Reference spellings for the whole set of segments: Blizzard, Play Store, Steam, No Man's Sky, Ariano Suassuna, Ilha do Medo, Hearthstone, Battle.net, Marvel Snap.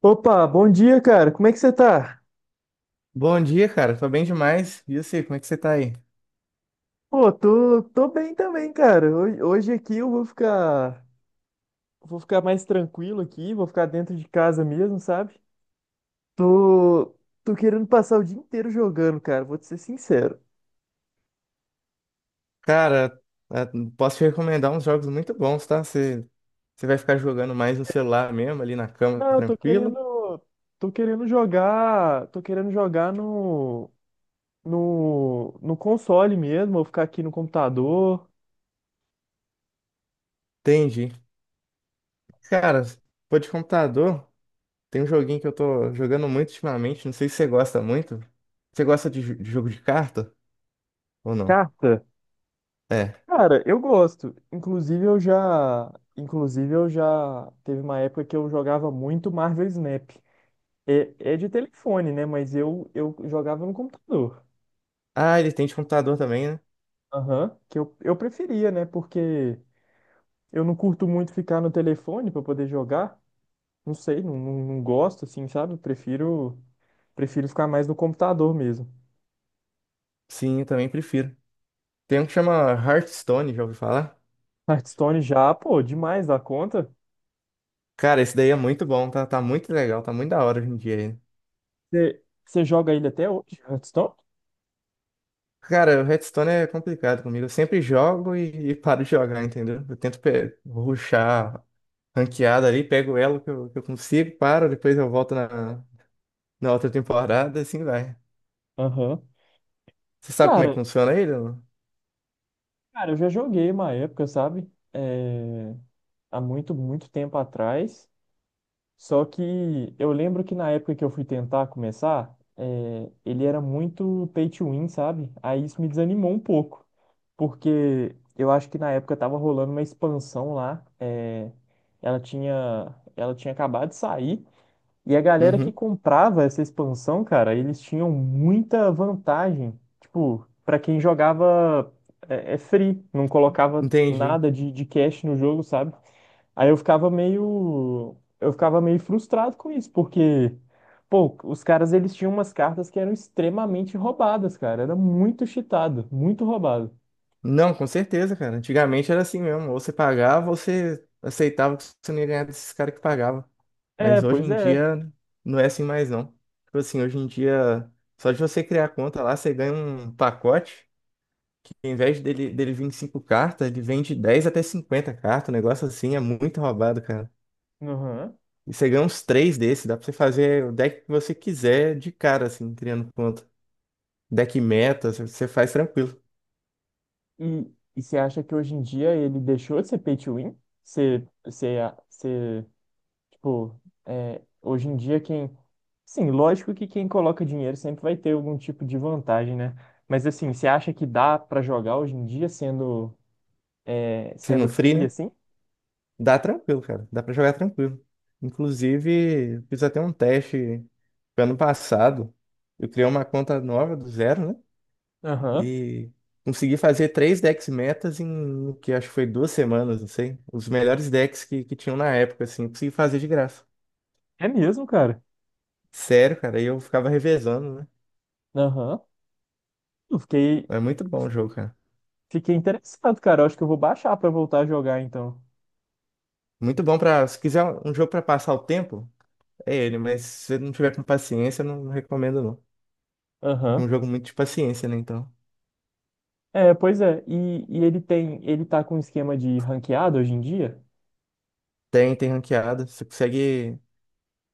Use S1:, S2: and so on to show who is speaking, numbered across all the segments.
S1: Opa, bom dia, cara. Como é que você tá?
S2: Bom dia, cara. Tô bem demais. E você, como é que você tá aí?
S1: Pô, tô bem também, cara. Hoje aqui eu vou vou ficar mais tranquilo aqui, vou ficar dentro de casa mesmo, sabe? Tô, tô querendo passar o dia inteiro jogando, cara. Vou te ser sincero.
S2: Cara, eh, posso te recomendar uns jogos muito bons, tá? Você vai ficar jogando mais no celular mesmo, ali na cama,
S1: Não,
S2: tranquilo?
S1: tô querendo jogar no console mesmo. Vou ficar aqui no computador.
S2: Entendi. Cara, pô, de computador, tem um joguinho que eu tô jogando muito ultimamente. Não sei se você gosta muito. Você gosta de jogo de carta ou não?
S1: Carta.
S2: É.
S1: Cara, eu gosto. Inclusive eu já teve uma época que eu jogava muito Marvel Snap. É, é de telefone, né? Mas eu jogava no computador.
S2: Ah, ele tem de computador também, né?
S1: Aham. Que eu preferia, né? Porque eu não curto muito ficar no telefone para poder jogar. Não sei, não gosto, assim, sabe? Prefiro ficar mais no computador mesmo.
S2: Sim, eu também prefiro. Tem um que chama Hearthstone, já ouviu falar?
S1: Hearthstone já, pô, demais da conta.
S2: Cara, esse daí é muito bom, tá? Tá muito legal, tá muito da hora hoje em dia.
S1: Você Você joga ele até hoje, Hearthstone?
S2: Cara, o Hearthstone é complicado comigo. Eu sempre jogo e paro de jogar, entendeu? Eu tento rushar ranqueada ali, pego o elo que eu consigo, paro, depois eu volto na outra temporada, assim vai.
S1: Aham.
S2: Você sabe como é que
S1: Cara,
S2: funciona ele? Não?
S1: Cara, eu já joguei uma época, sabe? É, há muito, muito tempo atrás. Só que eu lembro que na época que eu fui tentar começar, ele era muito pay to win, sabe? Aí isso me desanimou um pouco. Porque eu acho que na época tava rolando uma expansão lá. Ela tinha acabado de sair. E a galera que
S2: Uhum,
S1: comprava essa expansão, cara, eles tinham muita vantagem. Tipo, pra quem jogava é free, não colocava
S2: entendi.
S1: nada de cash no jogo, sabe? Aí eu ficava meio frustrado com isso, porque, pô, os caras eles tinham umas cartas que eram extremamente roubadas, cara. Era muito cheatado, muito roubado.
S2: Não, com certeza, cara. Antigamente era assim mesmo. Ou você pagava, ou você aceitava que você não ia ganhar desses caras que pagavam.
S1: É,
S2: Mas hoje
S1: pois
S2: em
S1: é.
S2: dia não é assim mais, não. Tipo assim, hoje em dia, só de você criar conta lá, você ganha um pacote. Em vez dele vir em 5 cartas, ele vende 10 até 50 cartas. O negócio assim é muito roubado, cara.
S1: Aham.
S2: E você ganha uns 3 desses, dá pra você fazer o deck que você quiser de cara, assim, criando conta. Deck meta, você faz tranquilo.
S1: E você acha que hoje em dia ele deixou de ser pay to win? Tipo, hoje em dia quem. Sim, lógico que quem coloca dinheiro sempre vai ter algum tipo de vantagem, né? Mas assim, você acha que dá pra jogar hoje em dia
S2: Se
S1: sendo
S2: não free,
S1: free
S2: né?
S1: assim?
S2: Dá tranquilo, cara. Dá pra jogar tranquilo. Inclusive, fiz até um teste ano passado. Eu criei uma conta nova do zero, né?
S1: Aham.
S2: E consegui fazer três decks metas em que acho que foi 2 semanas, não sei. Os melhores decks que tinham na época, assim, consegui fazer de graça.
S1: É mesmo, cara.
S2: Sério, cara, e eu ficava revezando, né?
S1: Aham. Eu fiquei,
S2: É muito bom o jogo, cara.
S1: fiquei interessado, cara. Eu acho que eu vou baixar pra voltar a jogar então.
S2: Muito bom pra. Se quiser um jogo pra passar o tempo, é ele, mas se você não tiver com paciência, eu não recomendo, não. É
S1: Aham.
S2: um jogo muito de paciência, né? Então.
S1: É, pois é. E ele tem, ele tá com um esquema de ranqueado hoje em dia?
S2: Tem, tem ranqueada. Você consegue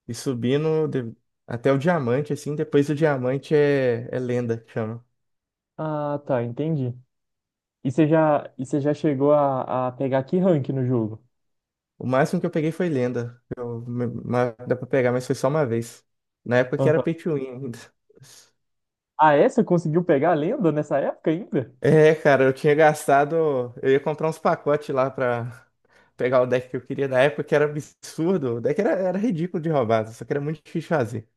S2: ir subindo até o diamante, assim, depois o diamante é lenda, que chama.
S1: Ah, tá, entendi. E você já chegou a pegar que rank no jogo?
S2: O máximo que eu peguei foi lenda. Eu, dá pra pegar, mas foi só uma vez. Na época que era pay to win ainda.
S1: Ah, é? Você conseguiu pegar a lenda nessa época ainda?
S2: É, cara, eu tinha gastado. Eu ia comprar uns pacotes lá pra pegar o deck que eu queria na época, que era absurdo. O deck era ridículo de roubado, só que era muito difícil de fazer.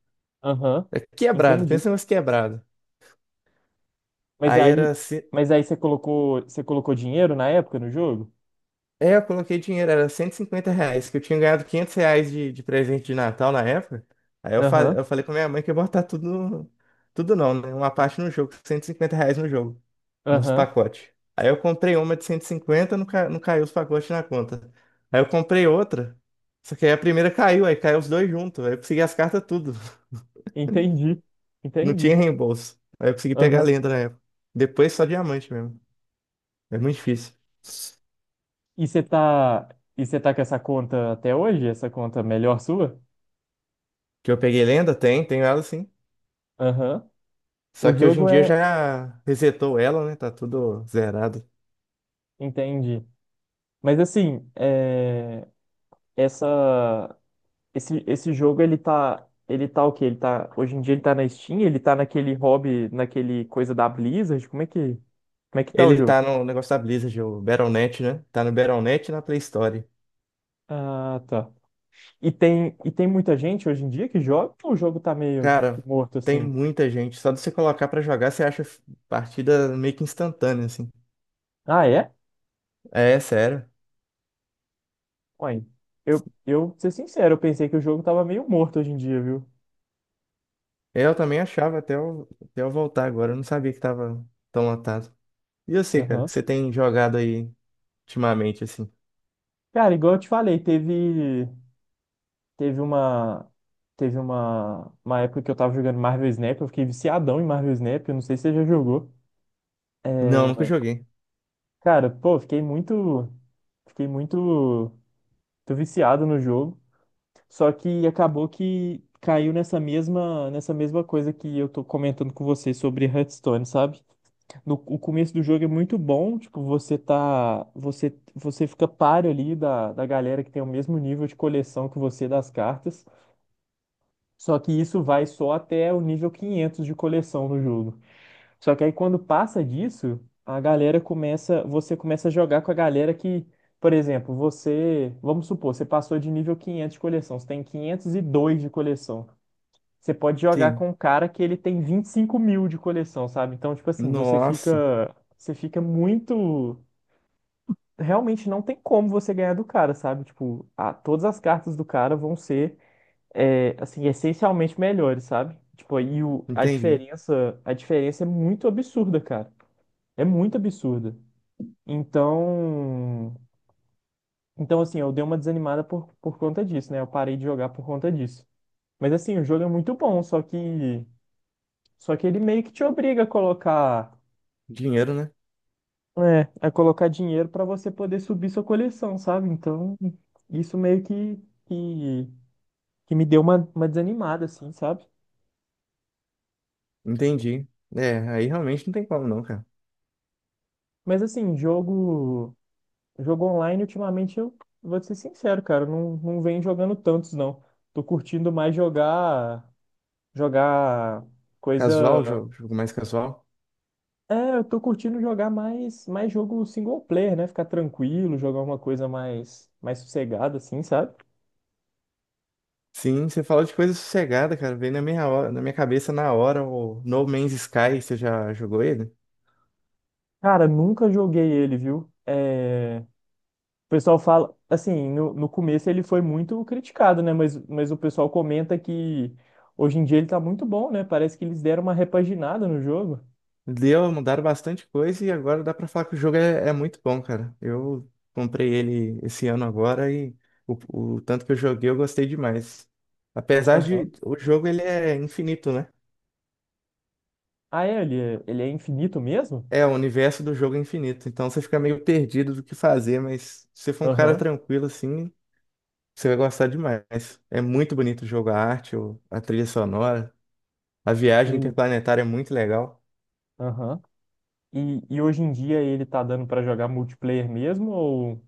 S1: Aham,
S2: É quebrado,
S1: entendi.
S2: pensa em umas quebrado.
S1: Mas
S2: Aí
S1: aí,
S2: era.
S1: mas aí você colocou dinheiro na época no jogo?
S2: É, eu coloquei dinheiro, era R$ 150, que eu tinha ganhado R$ 500 de presente de Natal na época. Aí eu, fa
S1: Aham,
S2: eu falei com minha mãe que ia botar tudo, tudo não, né? Uma parte no jogo, R$ 150 no jogo, nos
S1: aham,
S2: pacotes. Aí eu comprei uma de 150, não, ca não caiu os pacotes na conta. Aí eu comprei outra, só que aí a primeira caiu, aí caiu os dois juntos, aí eu consegui as cartas tudo,
S1: entendi,
S2: não tinha
S1: entendi.
S2: reembolso. Aí eu consegui pegar a
S1: Aham.
S2: lenda na época. Depois só diamante mesmo, é muito difícil.
S1: E você tá, e você tá com essa conta até hoje? Essa conta melhor sua?
S2: Que eu peguei lenda? Tem, tenho ela sim.
S1: Aham.
S2: Só
S1: O
S2: que hoje em
S1: jogo
S2: dia
S1: é,
S2: já resetou ela, né? Tá tudo zerado.
S1: entendi. Mas assim, é, essa esse jogo, ele tá. Ele tá o quê? Ele tá. Hoje em dia ele tá na Steam, ele tá naquele hobby, naquele coisa da Blizzard. Como é que. Como é que tá o
S2: Ele
S1: jogo?
S2: tá no negócio da Blizzard, o Battle.net, né? Tá no Battle.net e na Play Store.
S1: Ah, tá. E tem muita gente hoje em dia que joga ou o jogo tá meio, tipo, que
S2: Cara,
S1: morto
S2: tem
S1: assim?
S2: muita gente. Só de você colocar pra jogar, você acha partida meio que instantânea, assim.
S1: Ah, é?
S2: É, sério.
S1: Ué, pra ser sincero, eu pensei que o jogo tava meio morto hoje em dia, viu?
S2: Eu também achava até eu voltar agora. Eu não sabia que tava tão lotado. E eu sei, cara,
S1: Aham.
S2: que você tem jogado aí ultimamente, assim.
S1: Cara, igual eu te falei, teve uma, teve uma época que eu tava jogando Marvel Snap, eu fiquei viciadão em Marvel Snap, eu não sei se você já jogou.
S2: Não,
S1: É,
S2: nunca joguei.
S1: Cara, pô, fiquei muito, muito viciado no jogo. Só que acabou que caiu nessa mesma coisa que eu tô comentando com você sobre Hearthstone, sabe? No, o começo do jogo é muito bom, tipo, você fica páreo ali da galera que tem o mesmo nível de coleção que você das cartas. Só que isso vai só até o nível 500 de coleção no jogo. Só que aí quando passa disso, você começa a jogar com a galera que, por exemplo, vamos supor, você passou de nível 500 de coleção, você tem 502 de coleção. Você pode jogar
S2: Sim.
S1: com um cara que ele tem 25.000 de coleção, sabe? Então, tipo assim,
S2: Nossa,
S1: você fica muito, realmente não tem como você ganhar do cara, sabe? Tipo, todas as cartas do cara vão ser, é, assim, essencialmente melhores, sabe? Tipo,
S2: entendi.
S1: a diferença é muito absurda, cara. É muito absurda. Então, então assim, eu dei uma desanimada por conta disso, né? Eu parei de jogar por conta disso. Mas assim, o jogo é muito bom, só que ele meio que te obriga a colocar,
S2: Dinheiro, né?
S1: a colocar dinheiro pra você poder subir sua coleção, sabe? Então, isso meio que, que me deu uma desanimada assim, sabe?
S2: Entendi. É, aí realmente não tem como não, cara.
S1: Mas assim, jogo online ultimamente eu vou te ser sincero, cara, eu não venho jogando tantos não. Tô curtindo mais jogar
S2: Casual,
S1: coisa.
S2: jogo, jogo mais casual.
S1: É, eu tô curtindo jogar mais, mais jogo single player, né? Ficar tranquilo, jogar uma coisa mais, mais sossegada, assim, sabe?
S2: Sim, você falou de coisa sossegada, cara. Veio na minha cabeça na hora o No Man's Sky, você já jogou ele?
S1: Cara, nunca joguei ele, viu? É... O pessoal fala, assim, no começo ele foi muito criticado, né? Mas o pessoal comenta que hoje em dia ele tá muito bom, né? Parece que eles deram uma repaginada no jogo.
S2: Deu, mudaram bastante coisa e agora dá pra falar que o jogo é muito bom, cara. Eu comprei ele esse ano agora e o, o tanto que eu joguei eu gostei demais. Apesar
S1: Aham.
S2: de o jogo ele é infinito, né?
S1: Ah, é? Ele é infinito mesmo?
S2: É, o universo do jogo é infinito, então você fica meio perdido do que fazer, mas se você for um cara
S1: Aham.
S2: tranquilo assim, você vai gostar demais. É muito bonito o jogo, a arte, a trilha sonora. A viagem
S1: Hum.
S2: interplanetária é muito legal.
S1: Aham. E hoje em dia ele tá dando pra jogar multiplayer mesmo ou...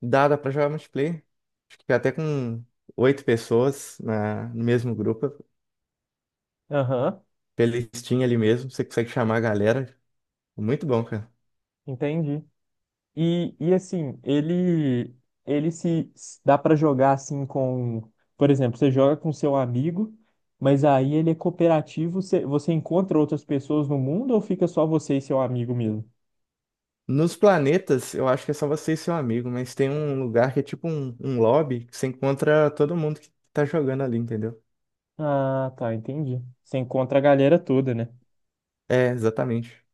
S2: Dá pra jogar multiplayer. Acho que até com oito pessoas na, no mesmo grupo.
S1: Aham,
S2: Pela Steam ali mesmo. Você consegue chamar a galera. É muito bom, cara.
S1: entendi. E assim, ele se se dá pra jogar assim com, por exemplo, você joga com seu amigo, mas aí ele é cooperativo, você encontra outras pessoas no mundo ou fica só você e seu amigo mesmo?
S2: Nos planetas, eu acho que é só você e seu amigo, mas tem um lugar que é tipo um lobby que você encontra todo mundo que tá jogando ali, entendeu?
S1: Ah, tá, entendi. Você encontra a galera toda, né?
S2: É, exatamente.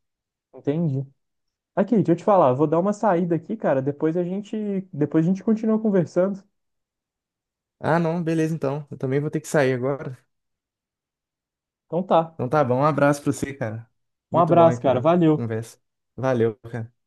S1: Entendi. Aqui, deixa eu te falar, eu vou dar uma saída aqui, cara, depois a gente continua conversando.
S2: Ah, não, beleza então. Eu também vou ter que sair agora.
S1: Então tá.
S2: Então tá bom, um abraço pra você, cara.
S1: Um
S2: Muito bom aí
S1: abraço, cara.
S2: a
S1: Valeu.
S2: conversa. Valeu, cara.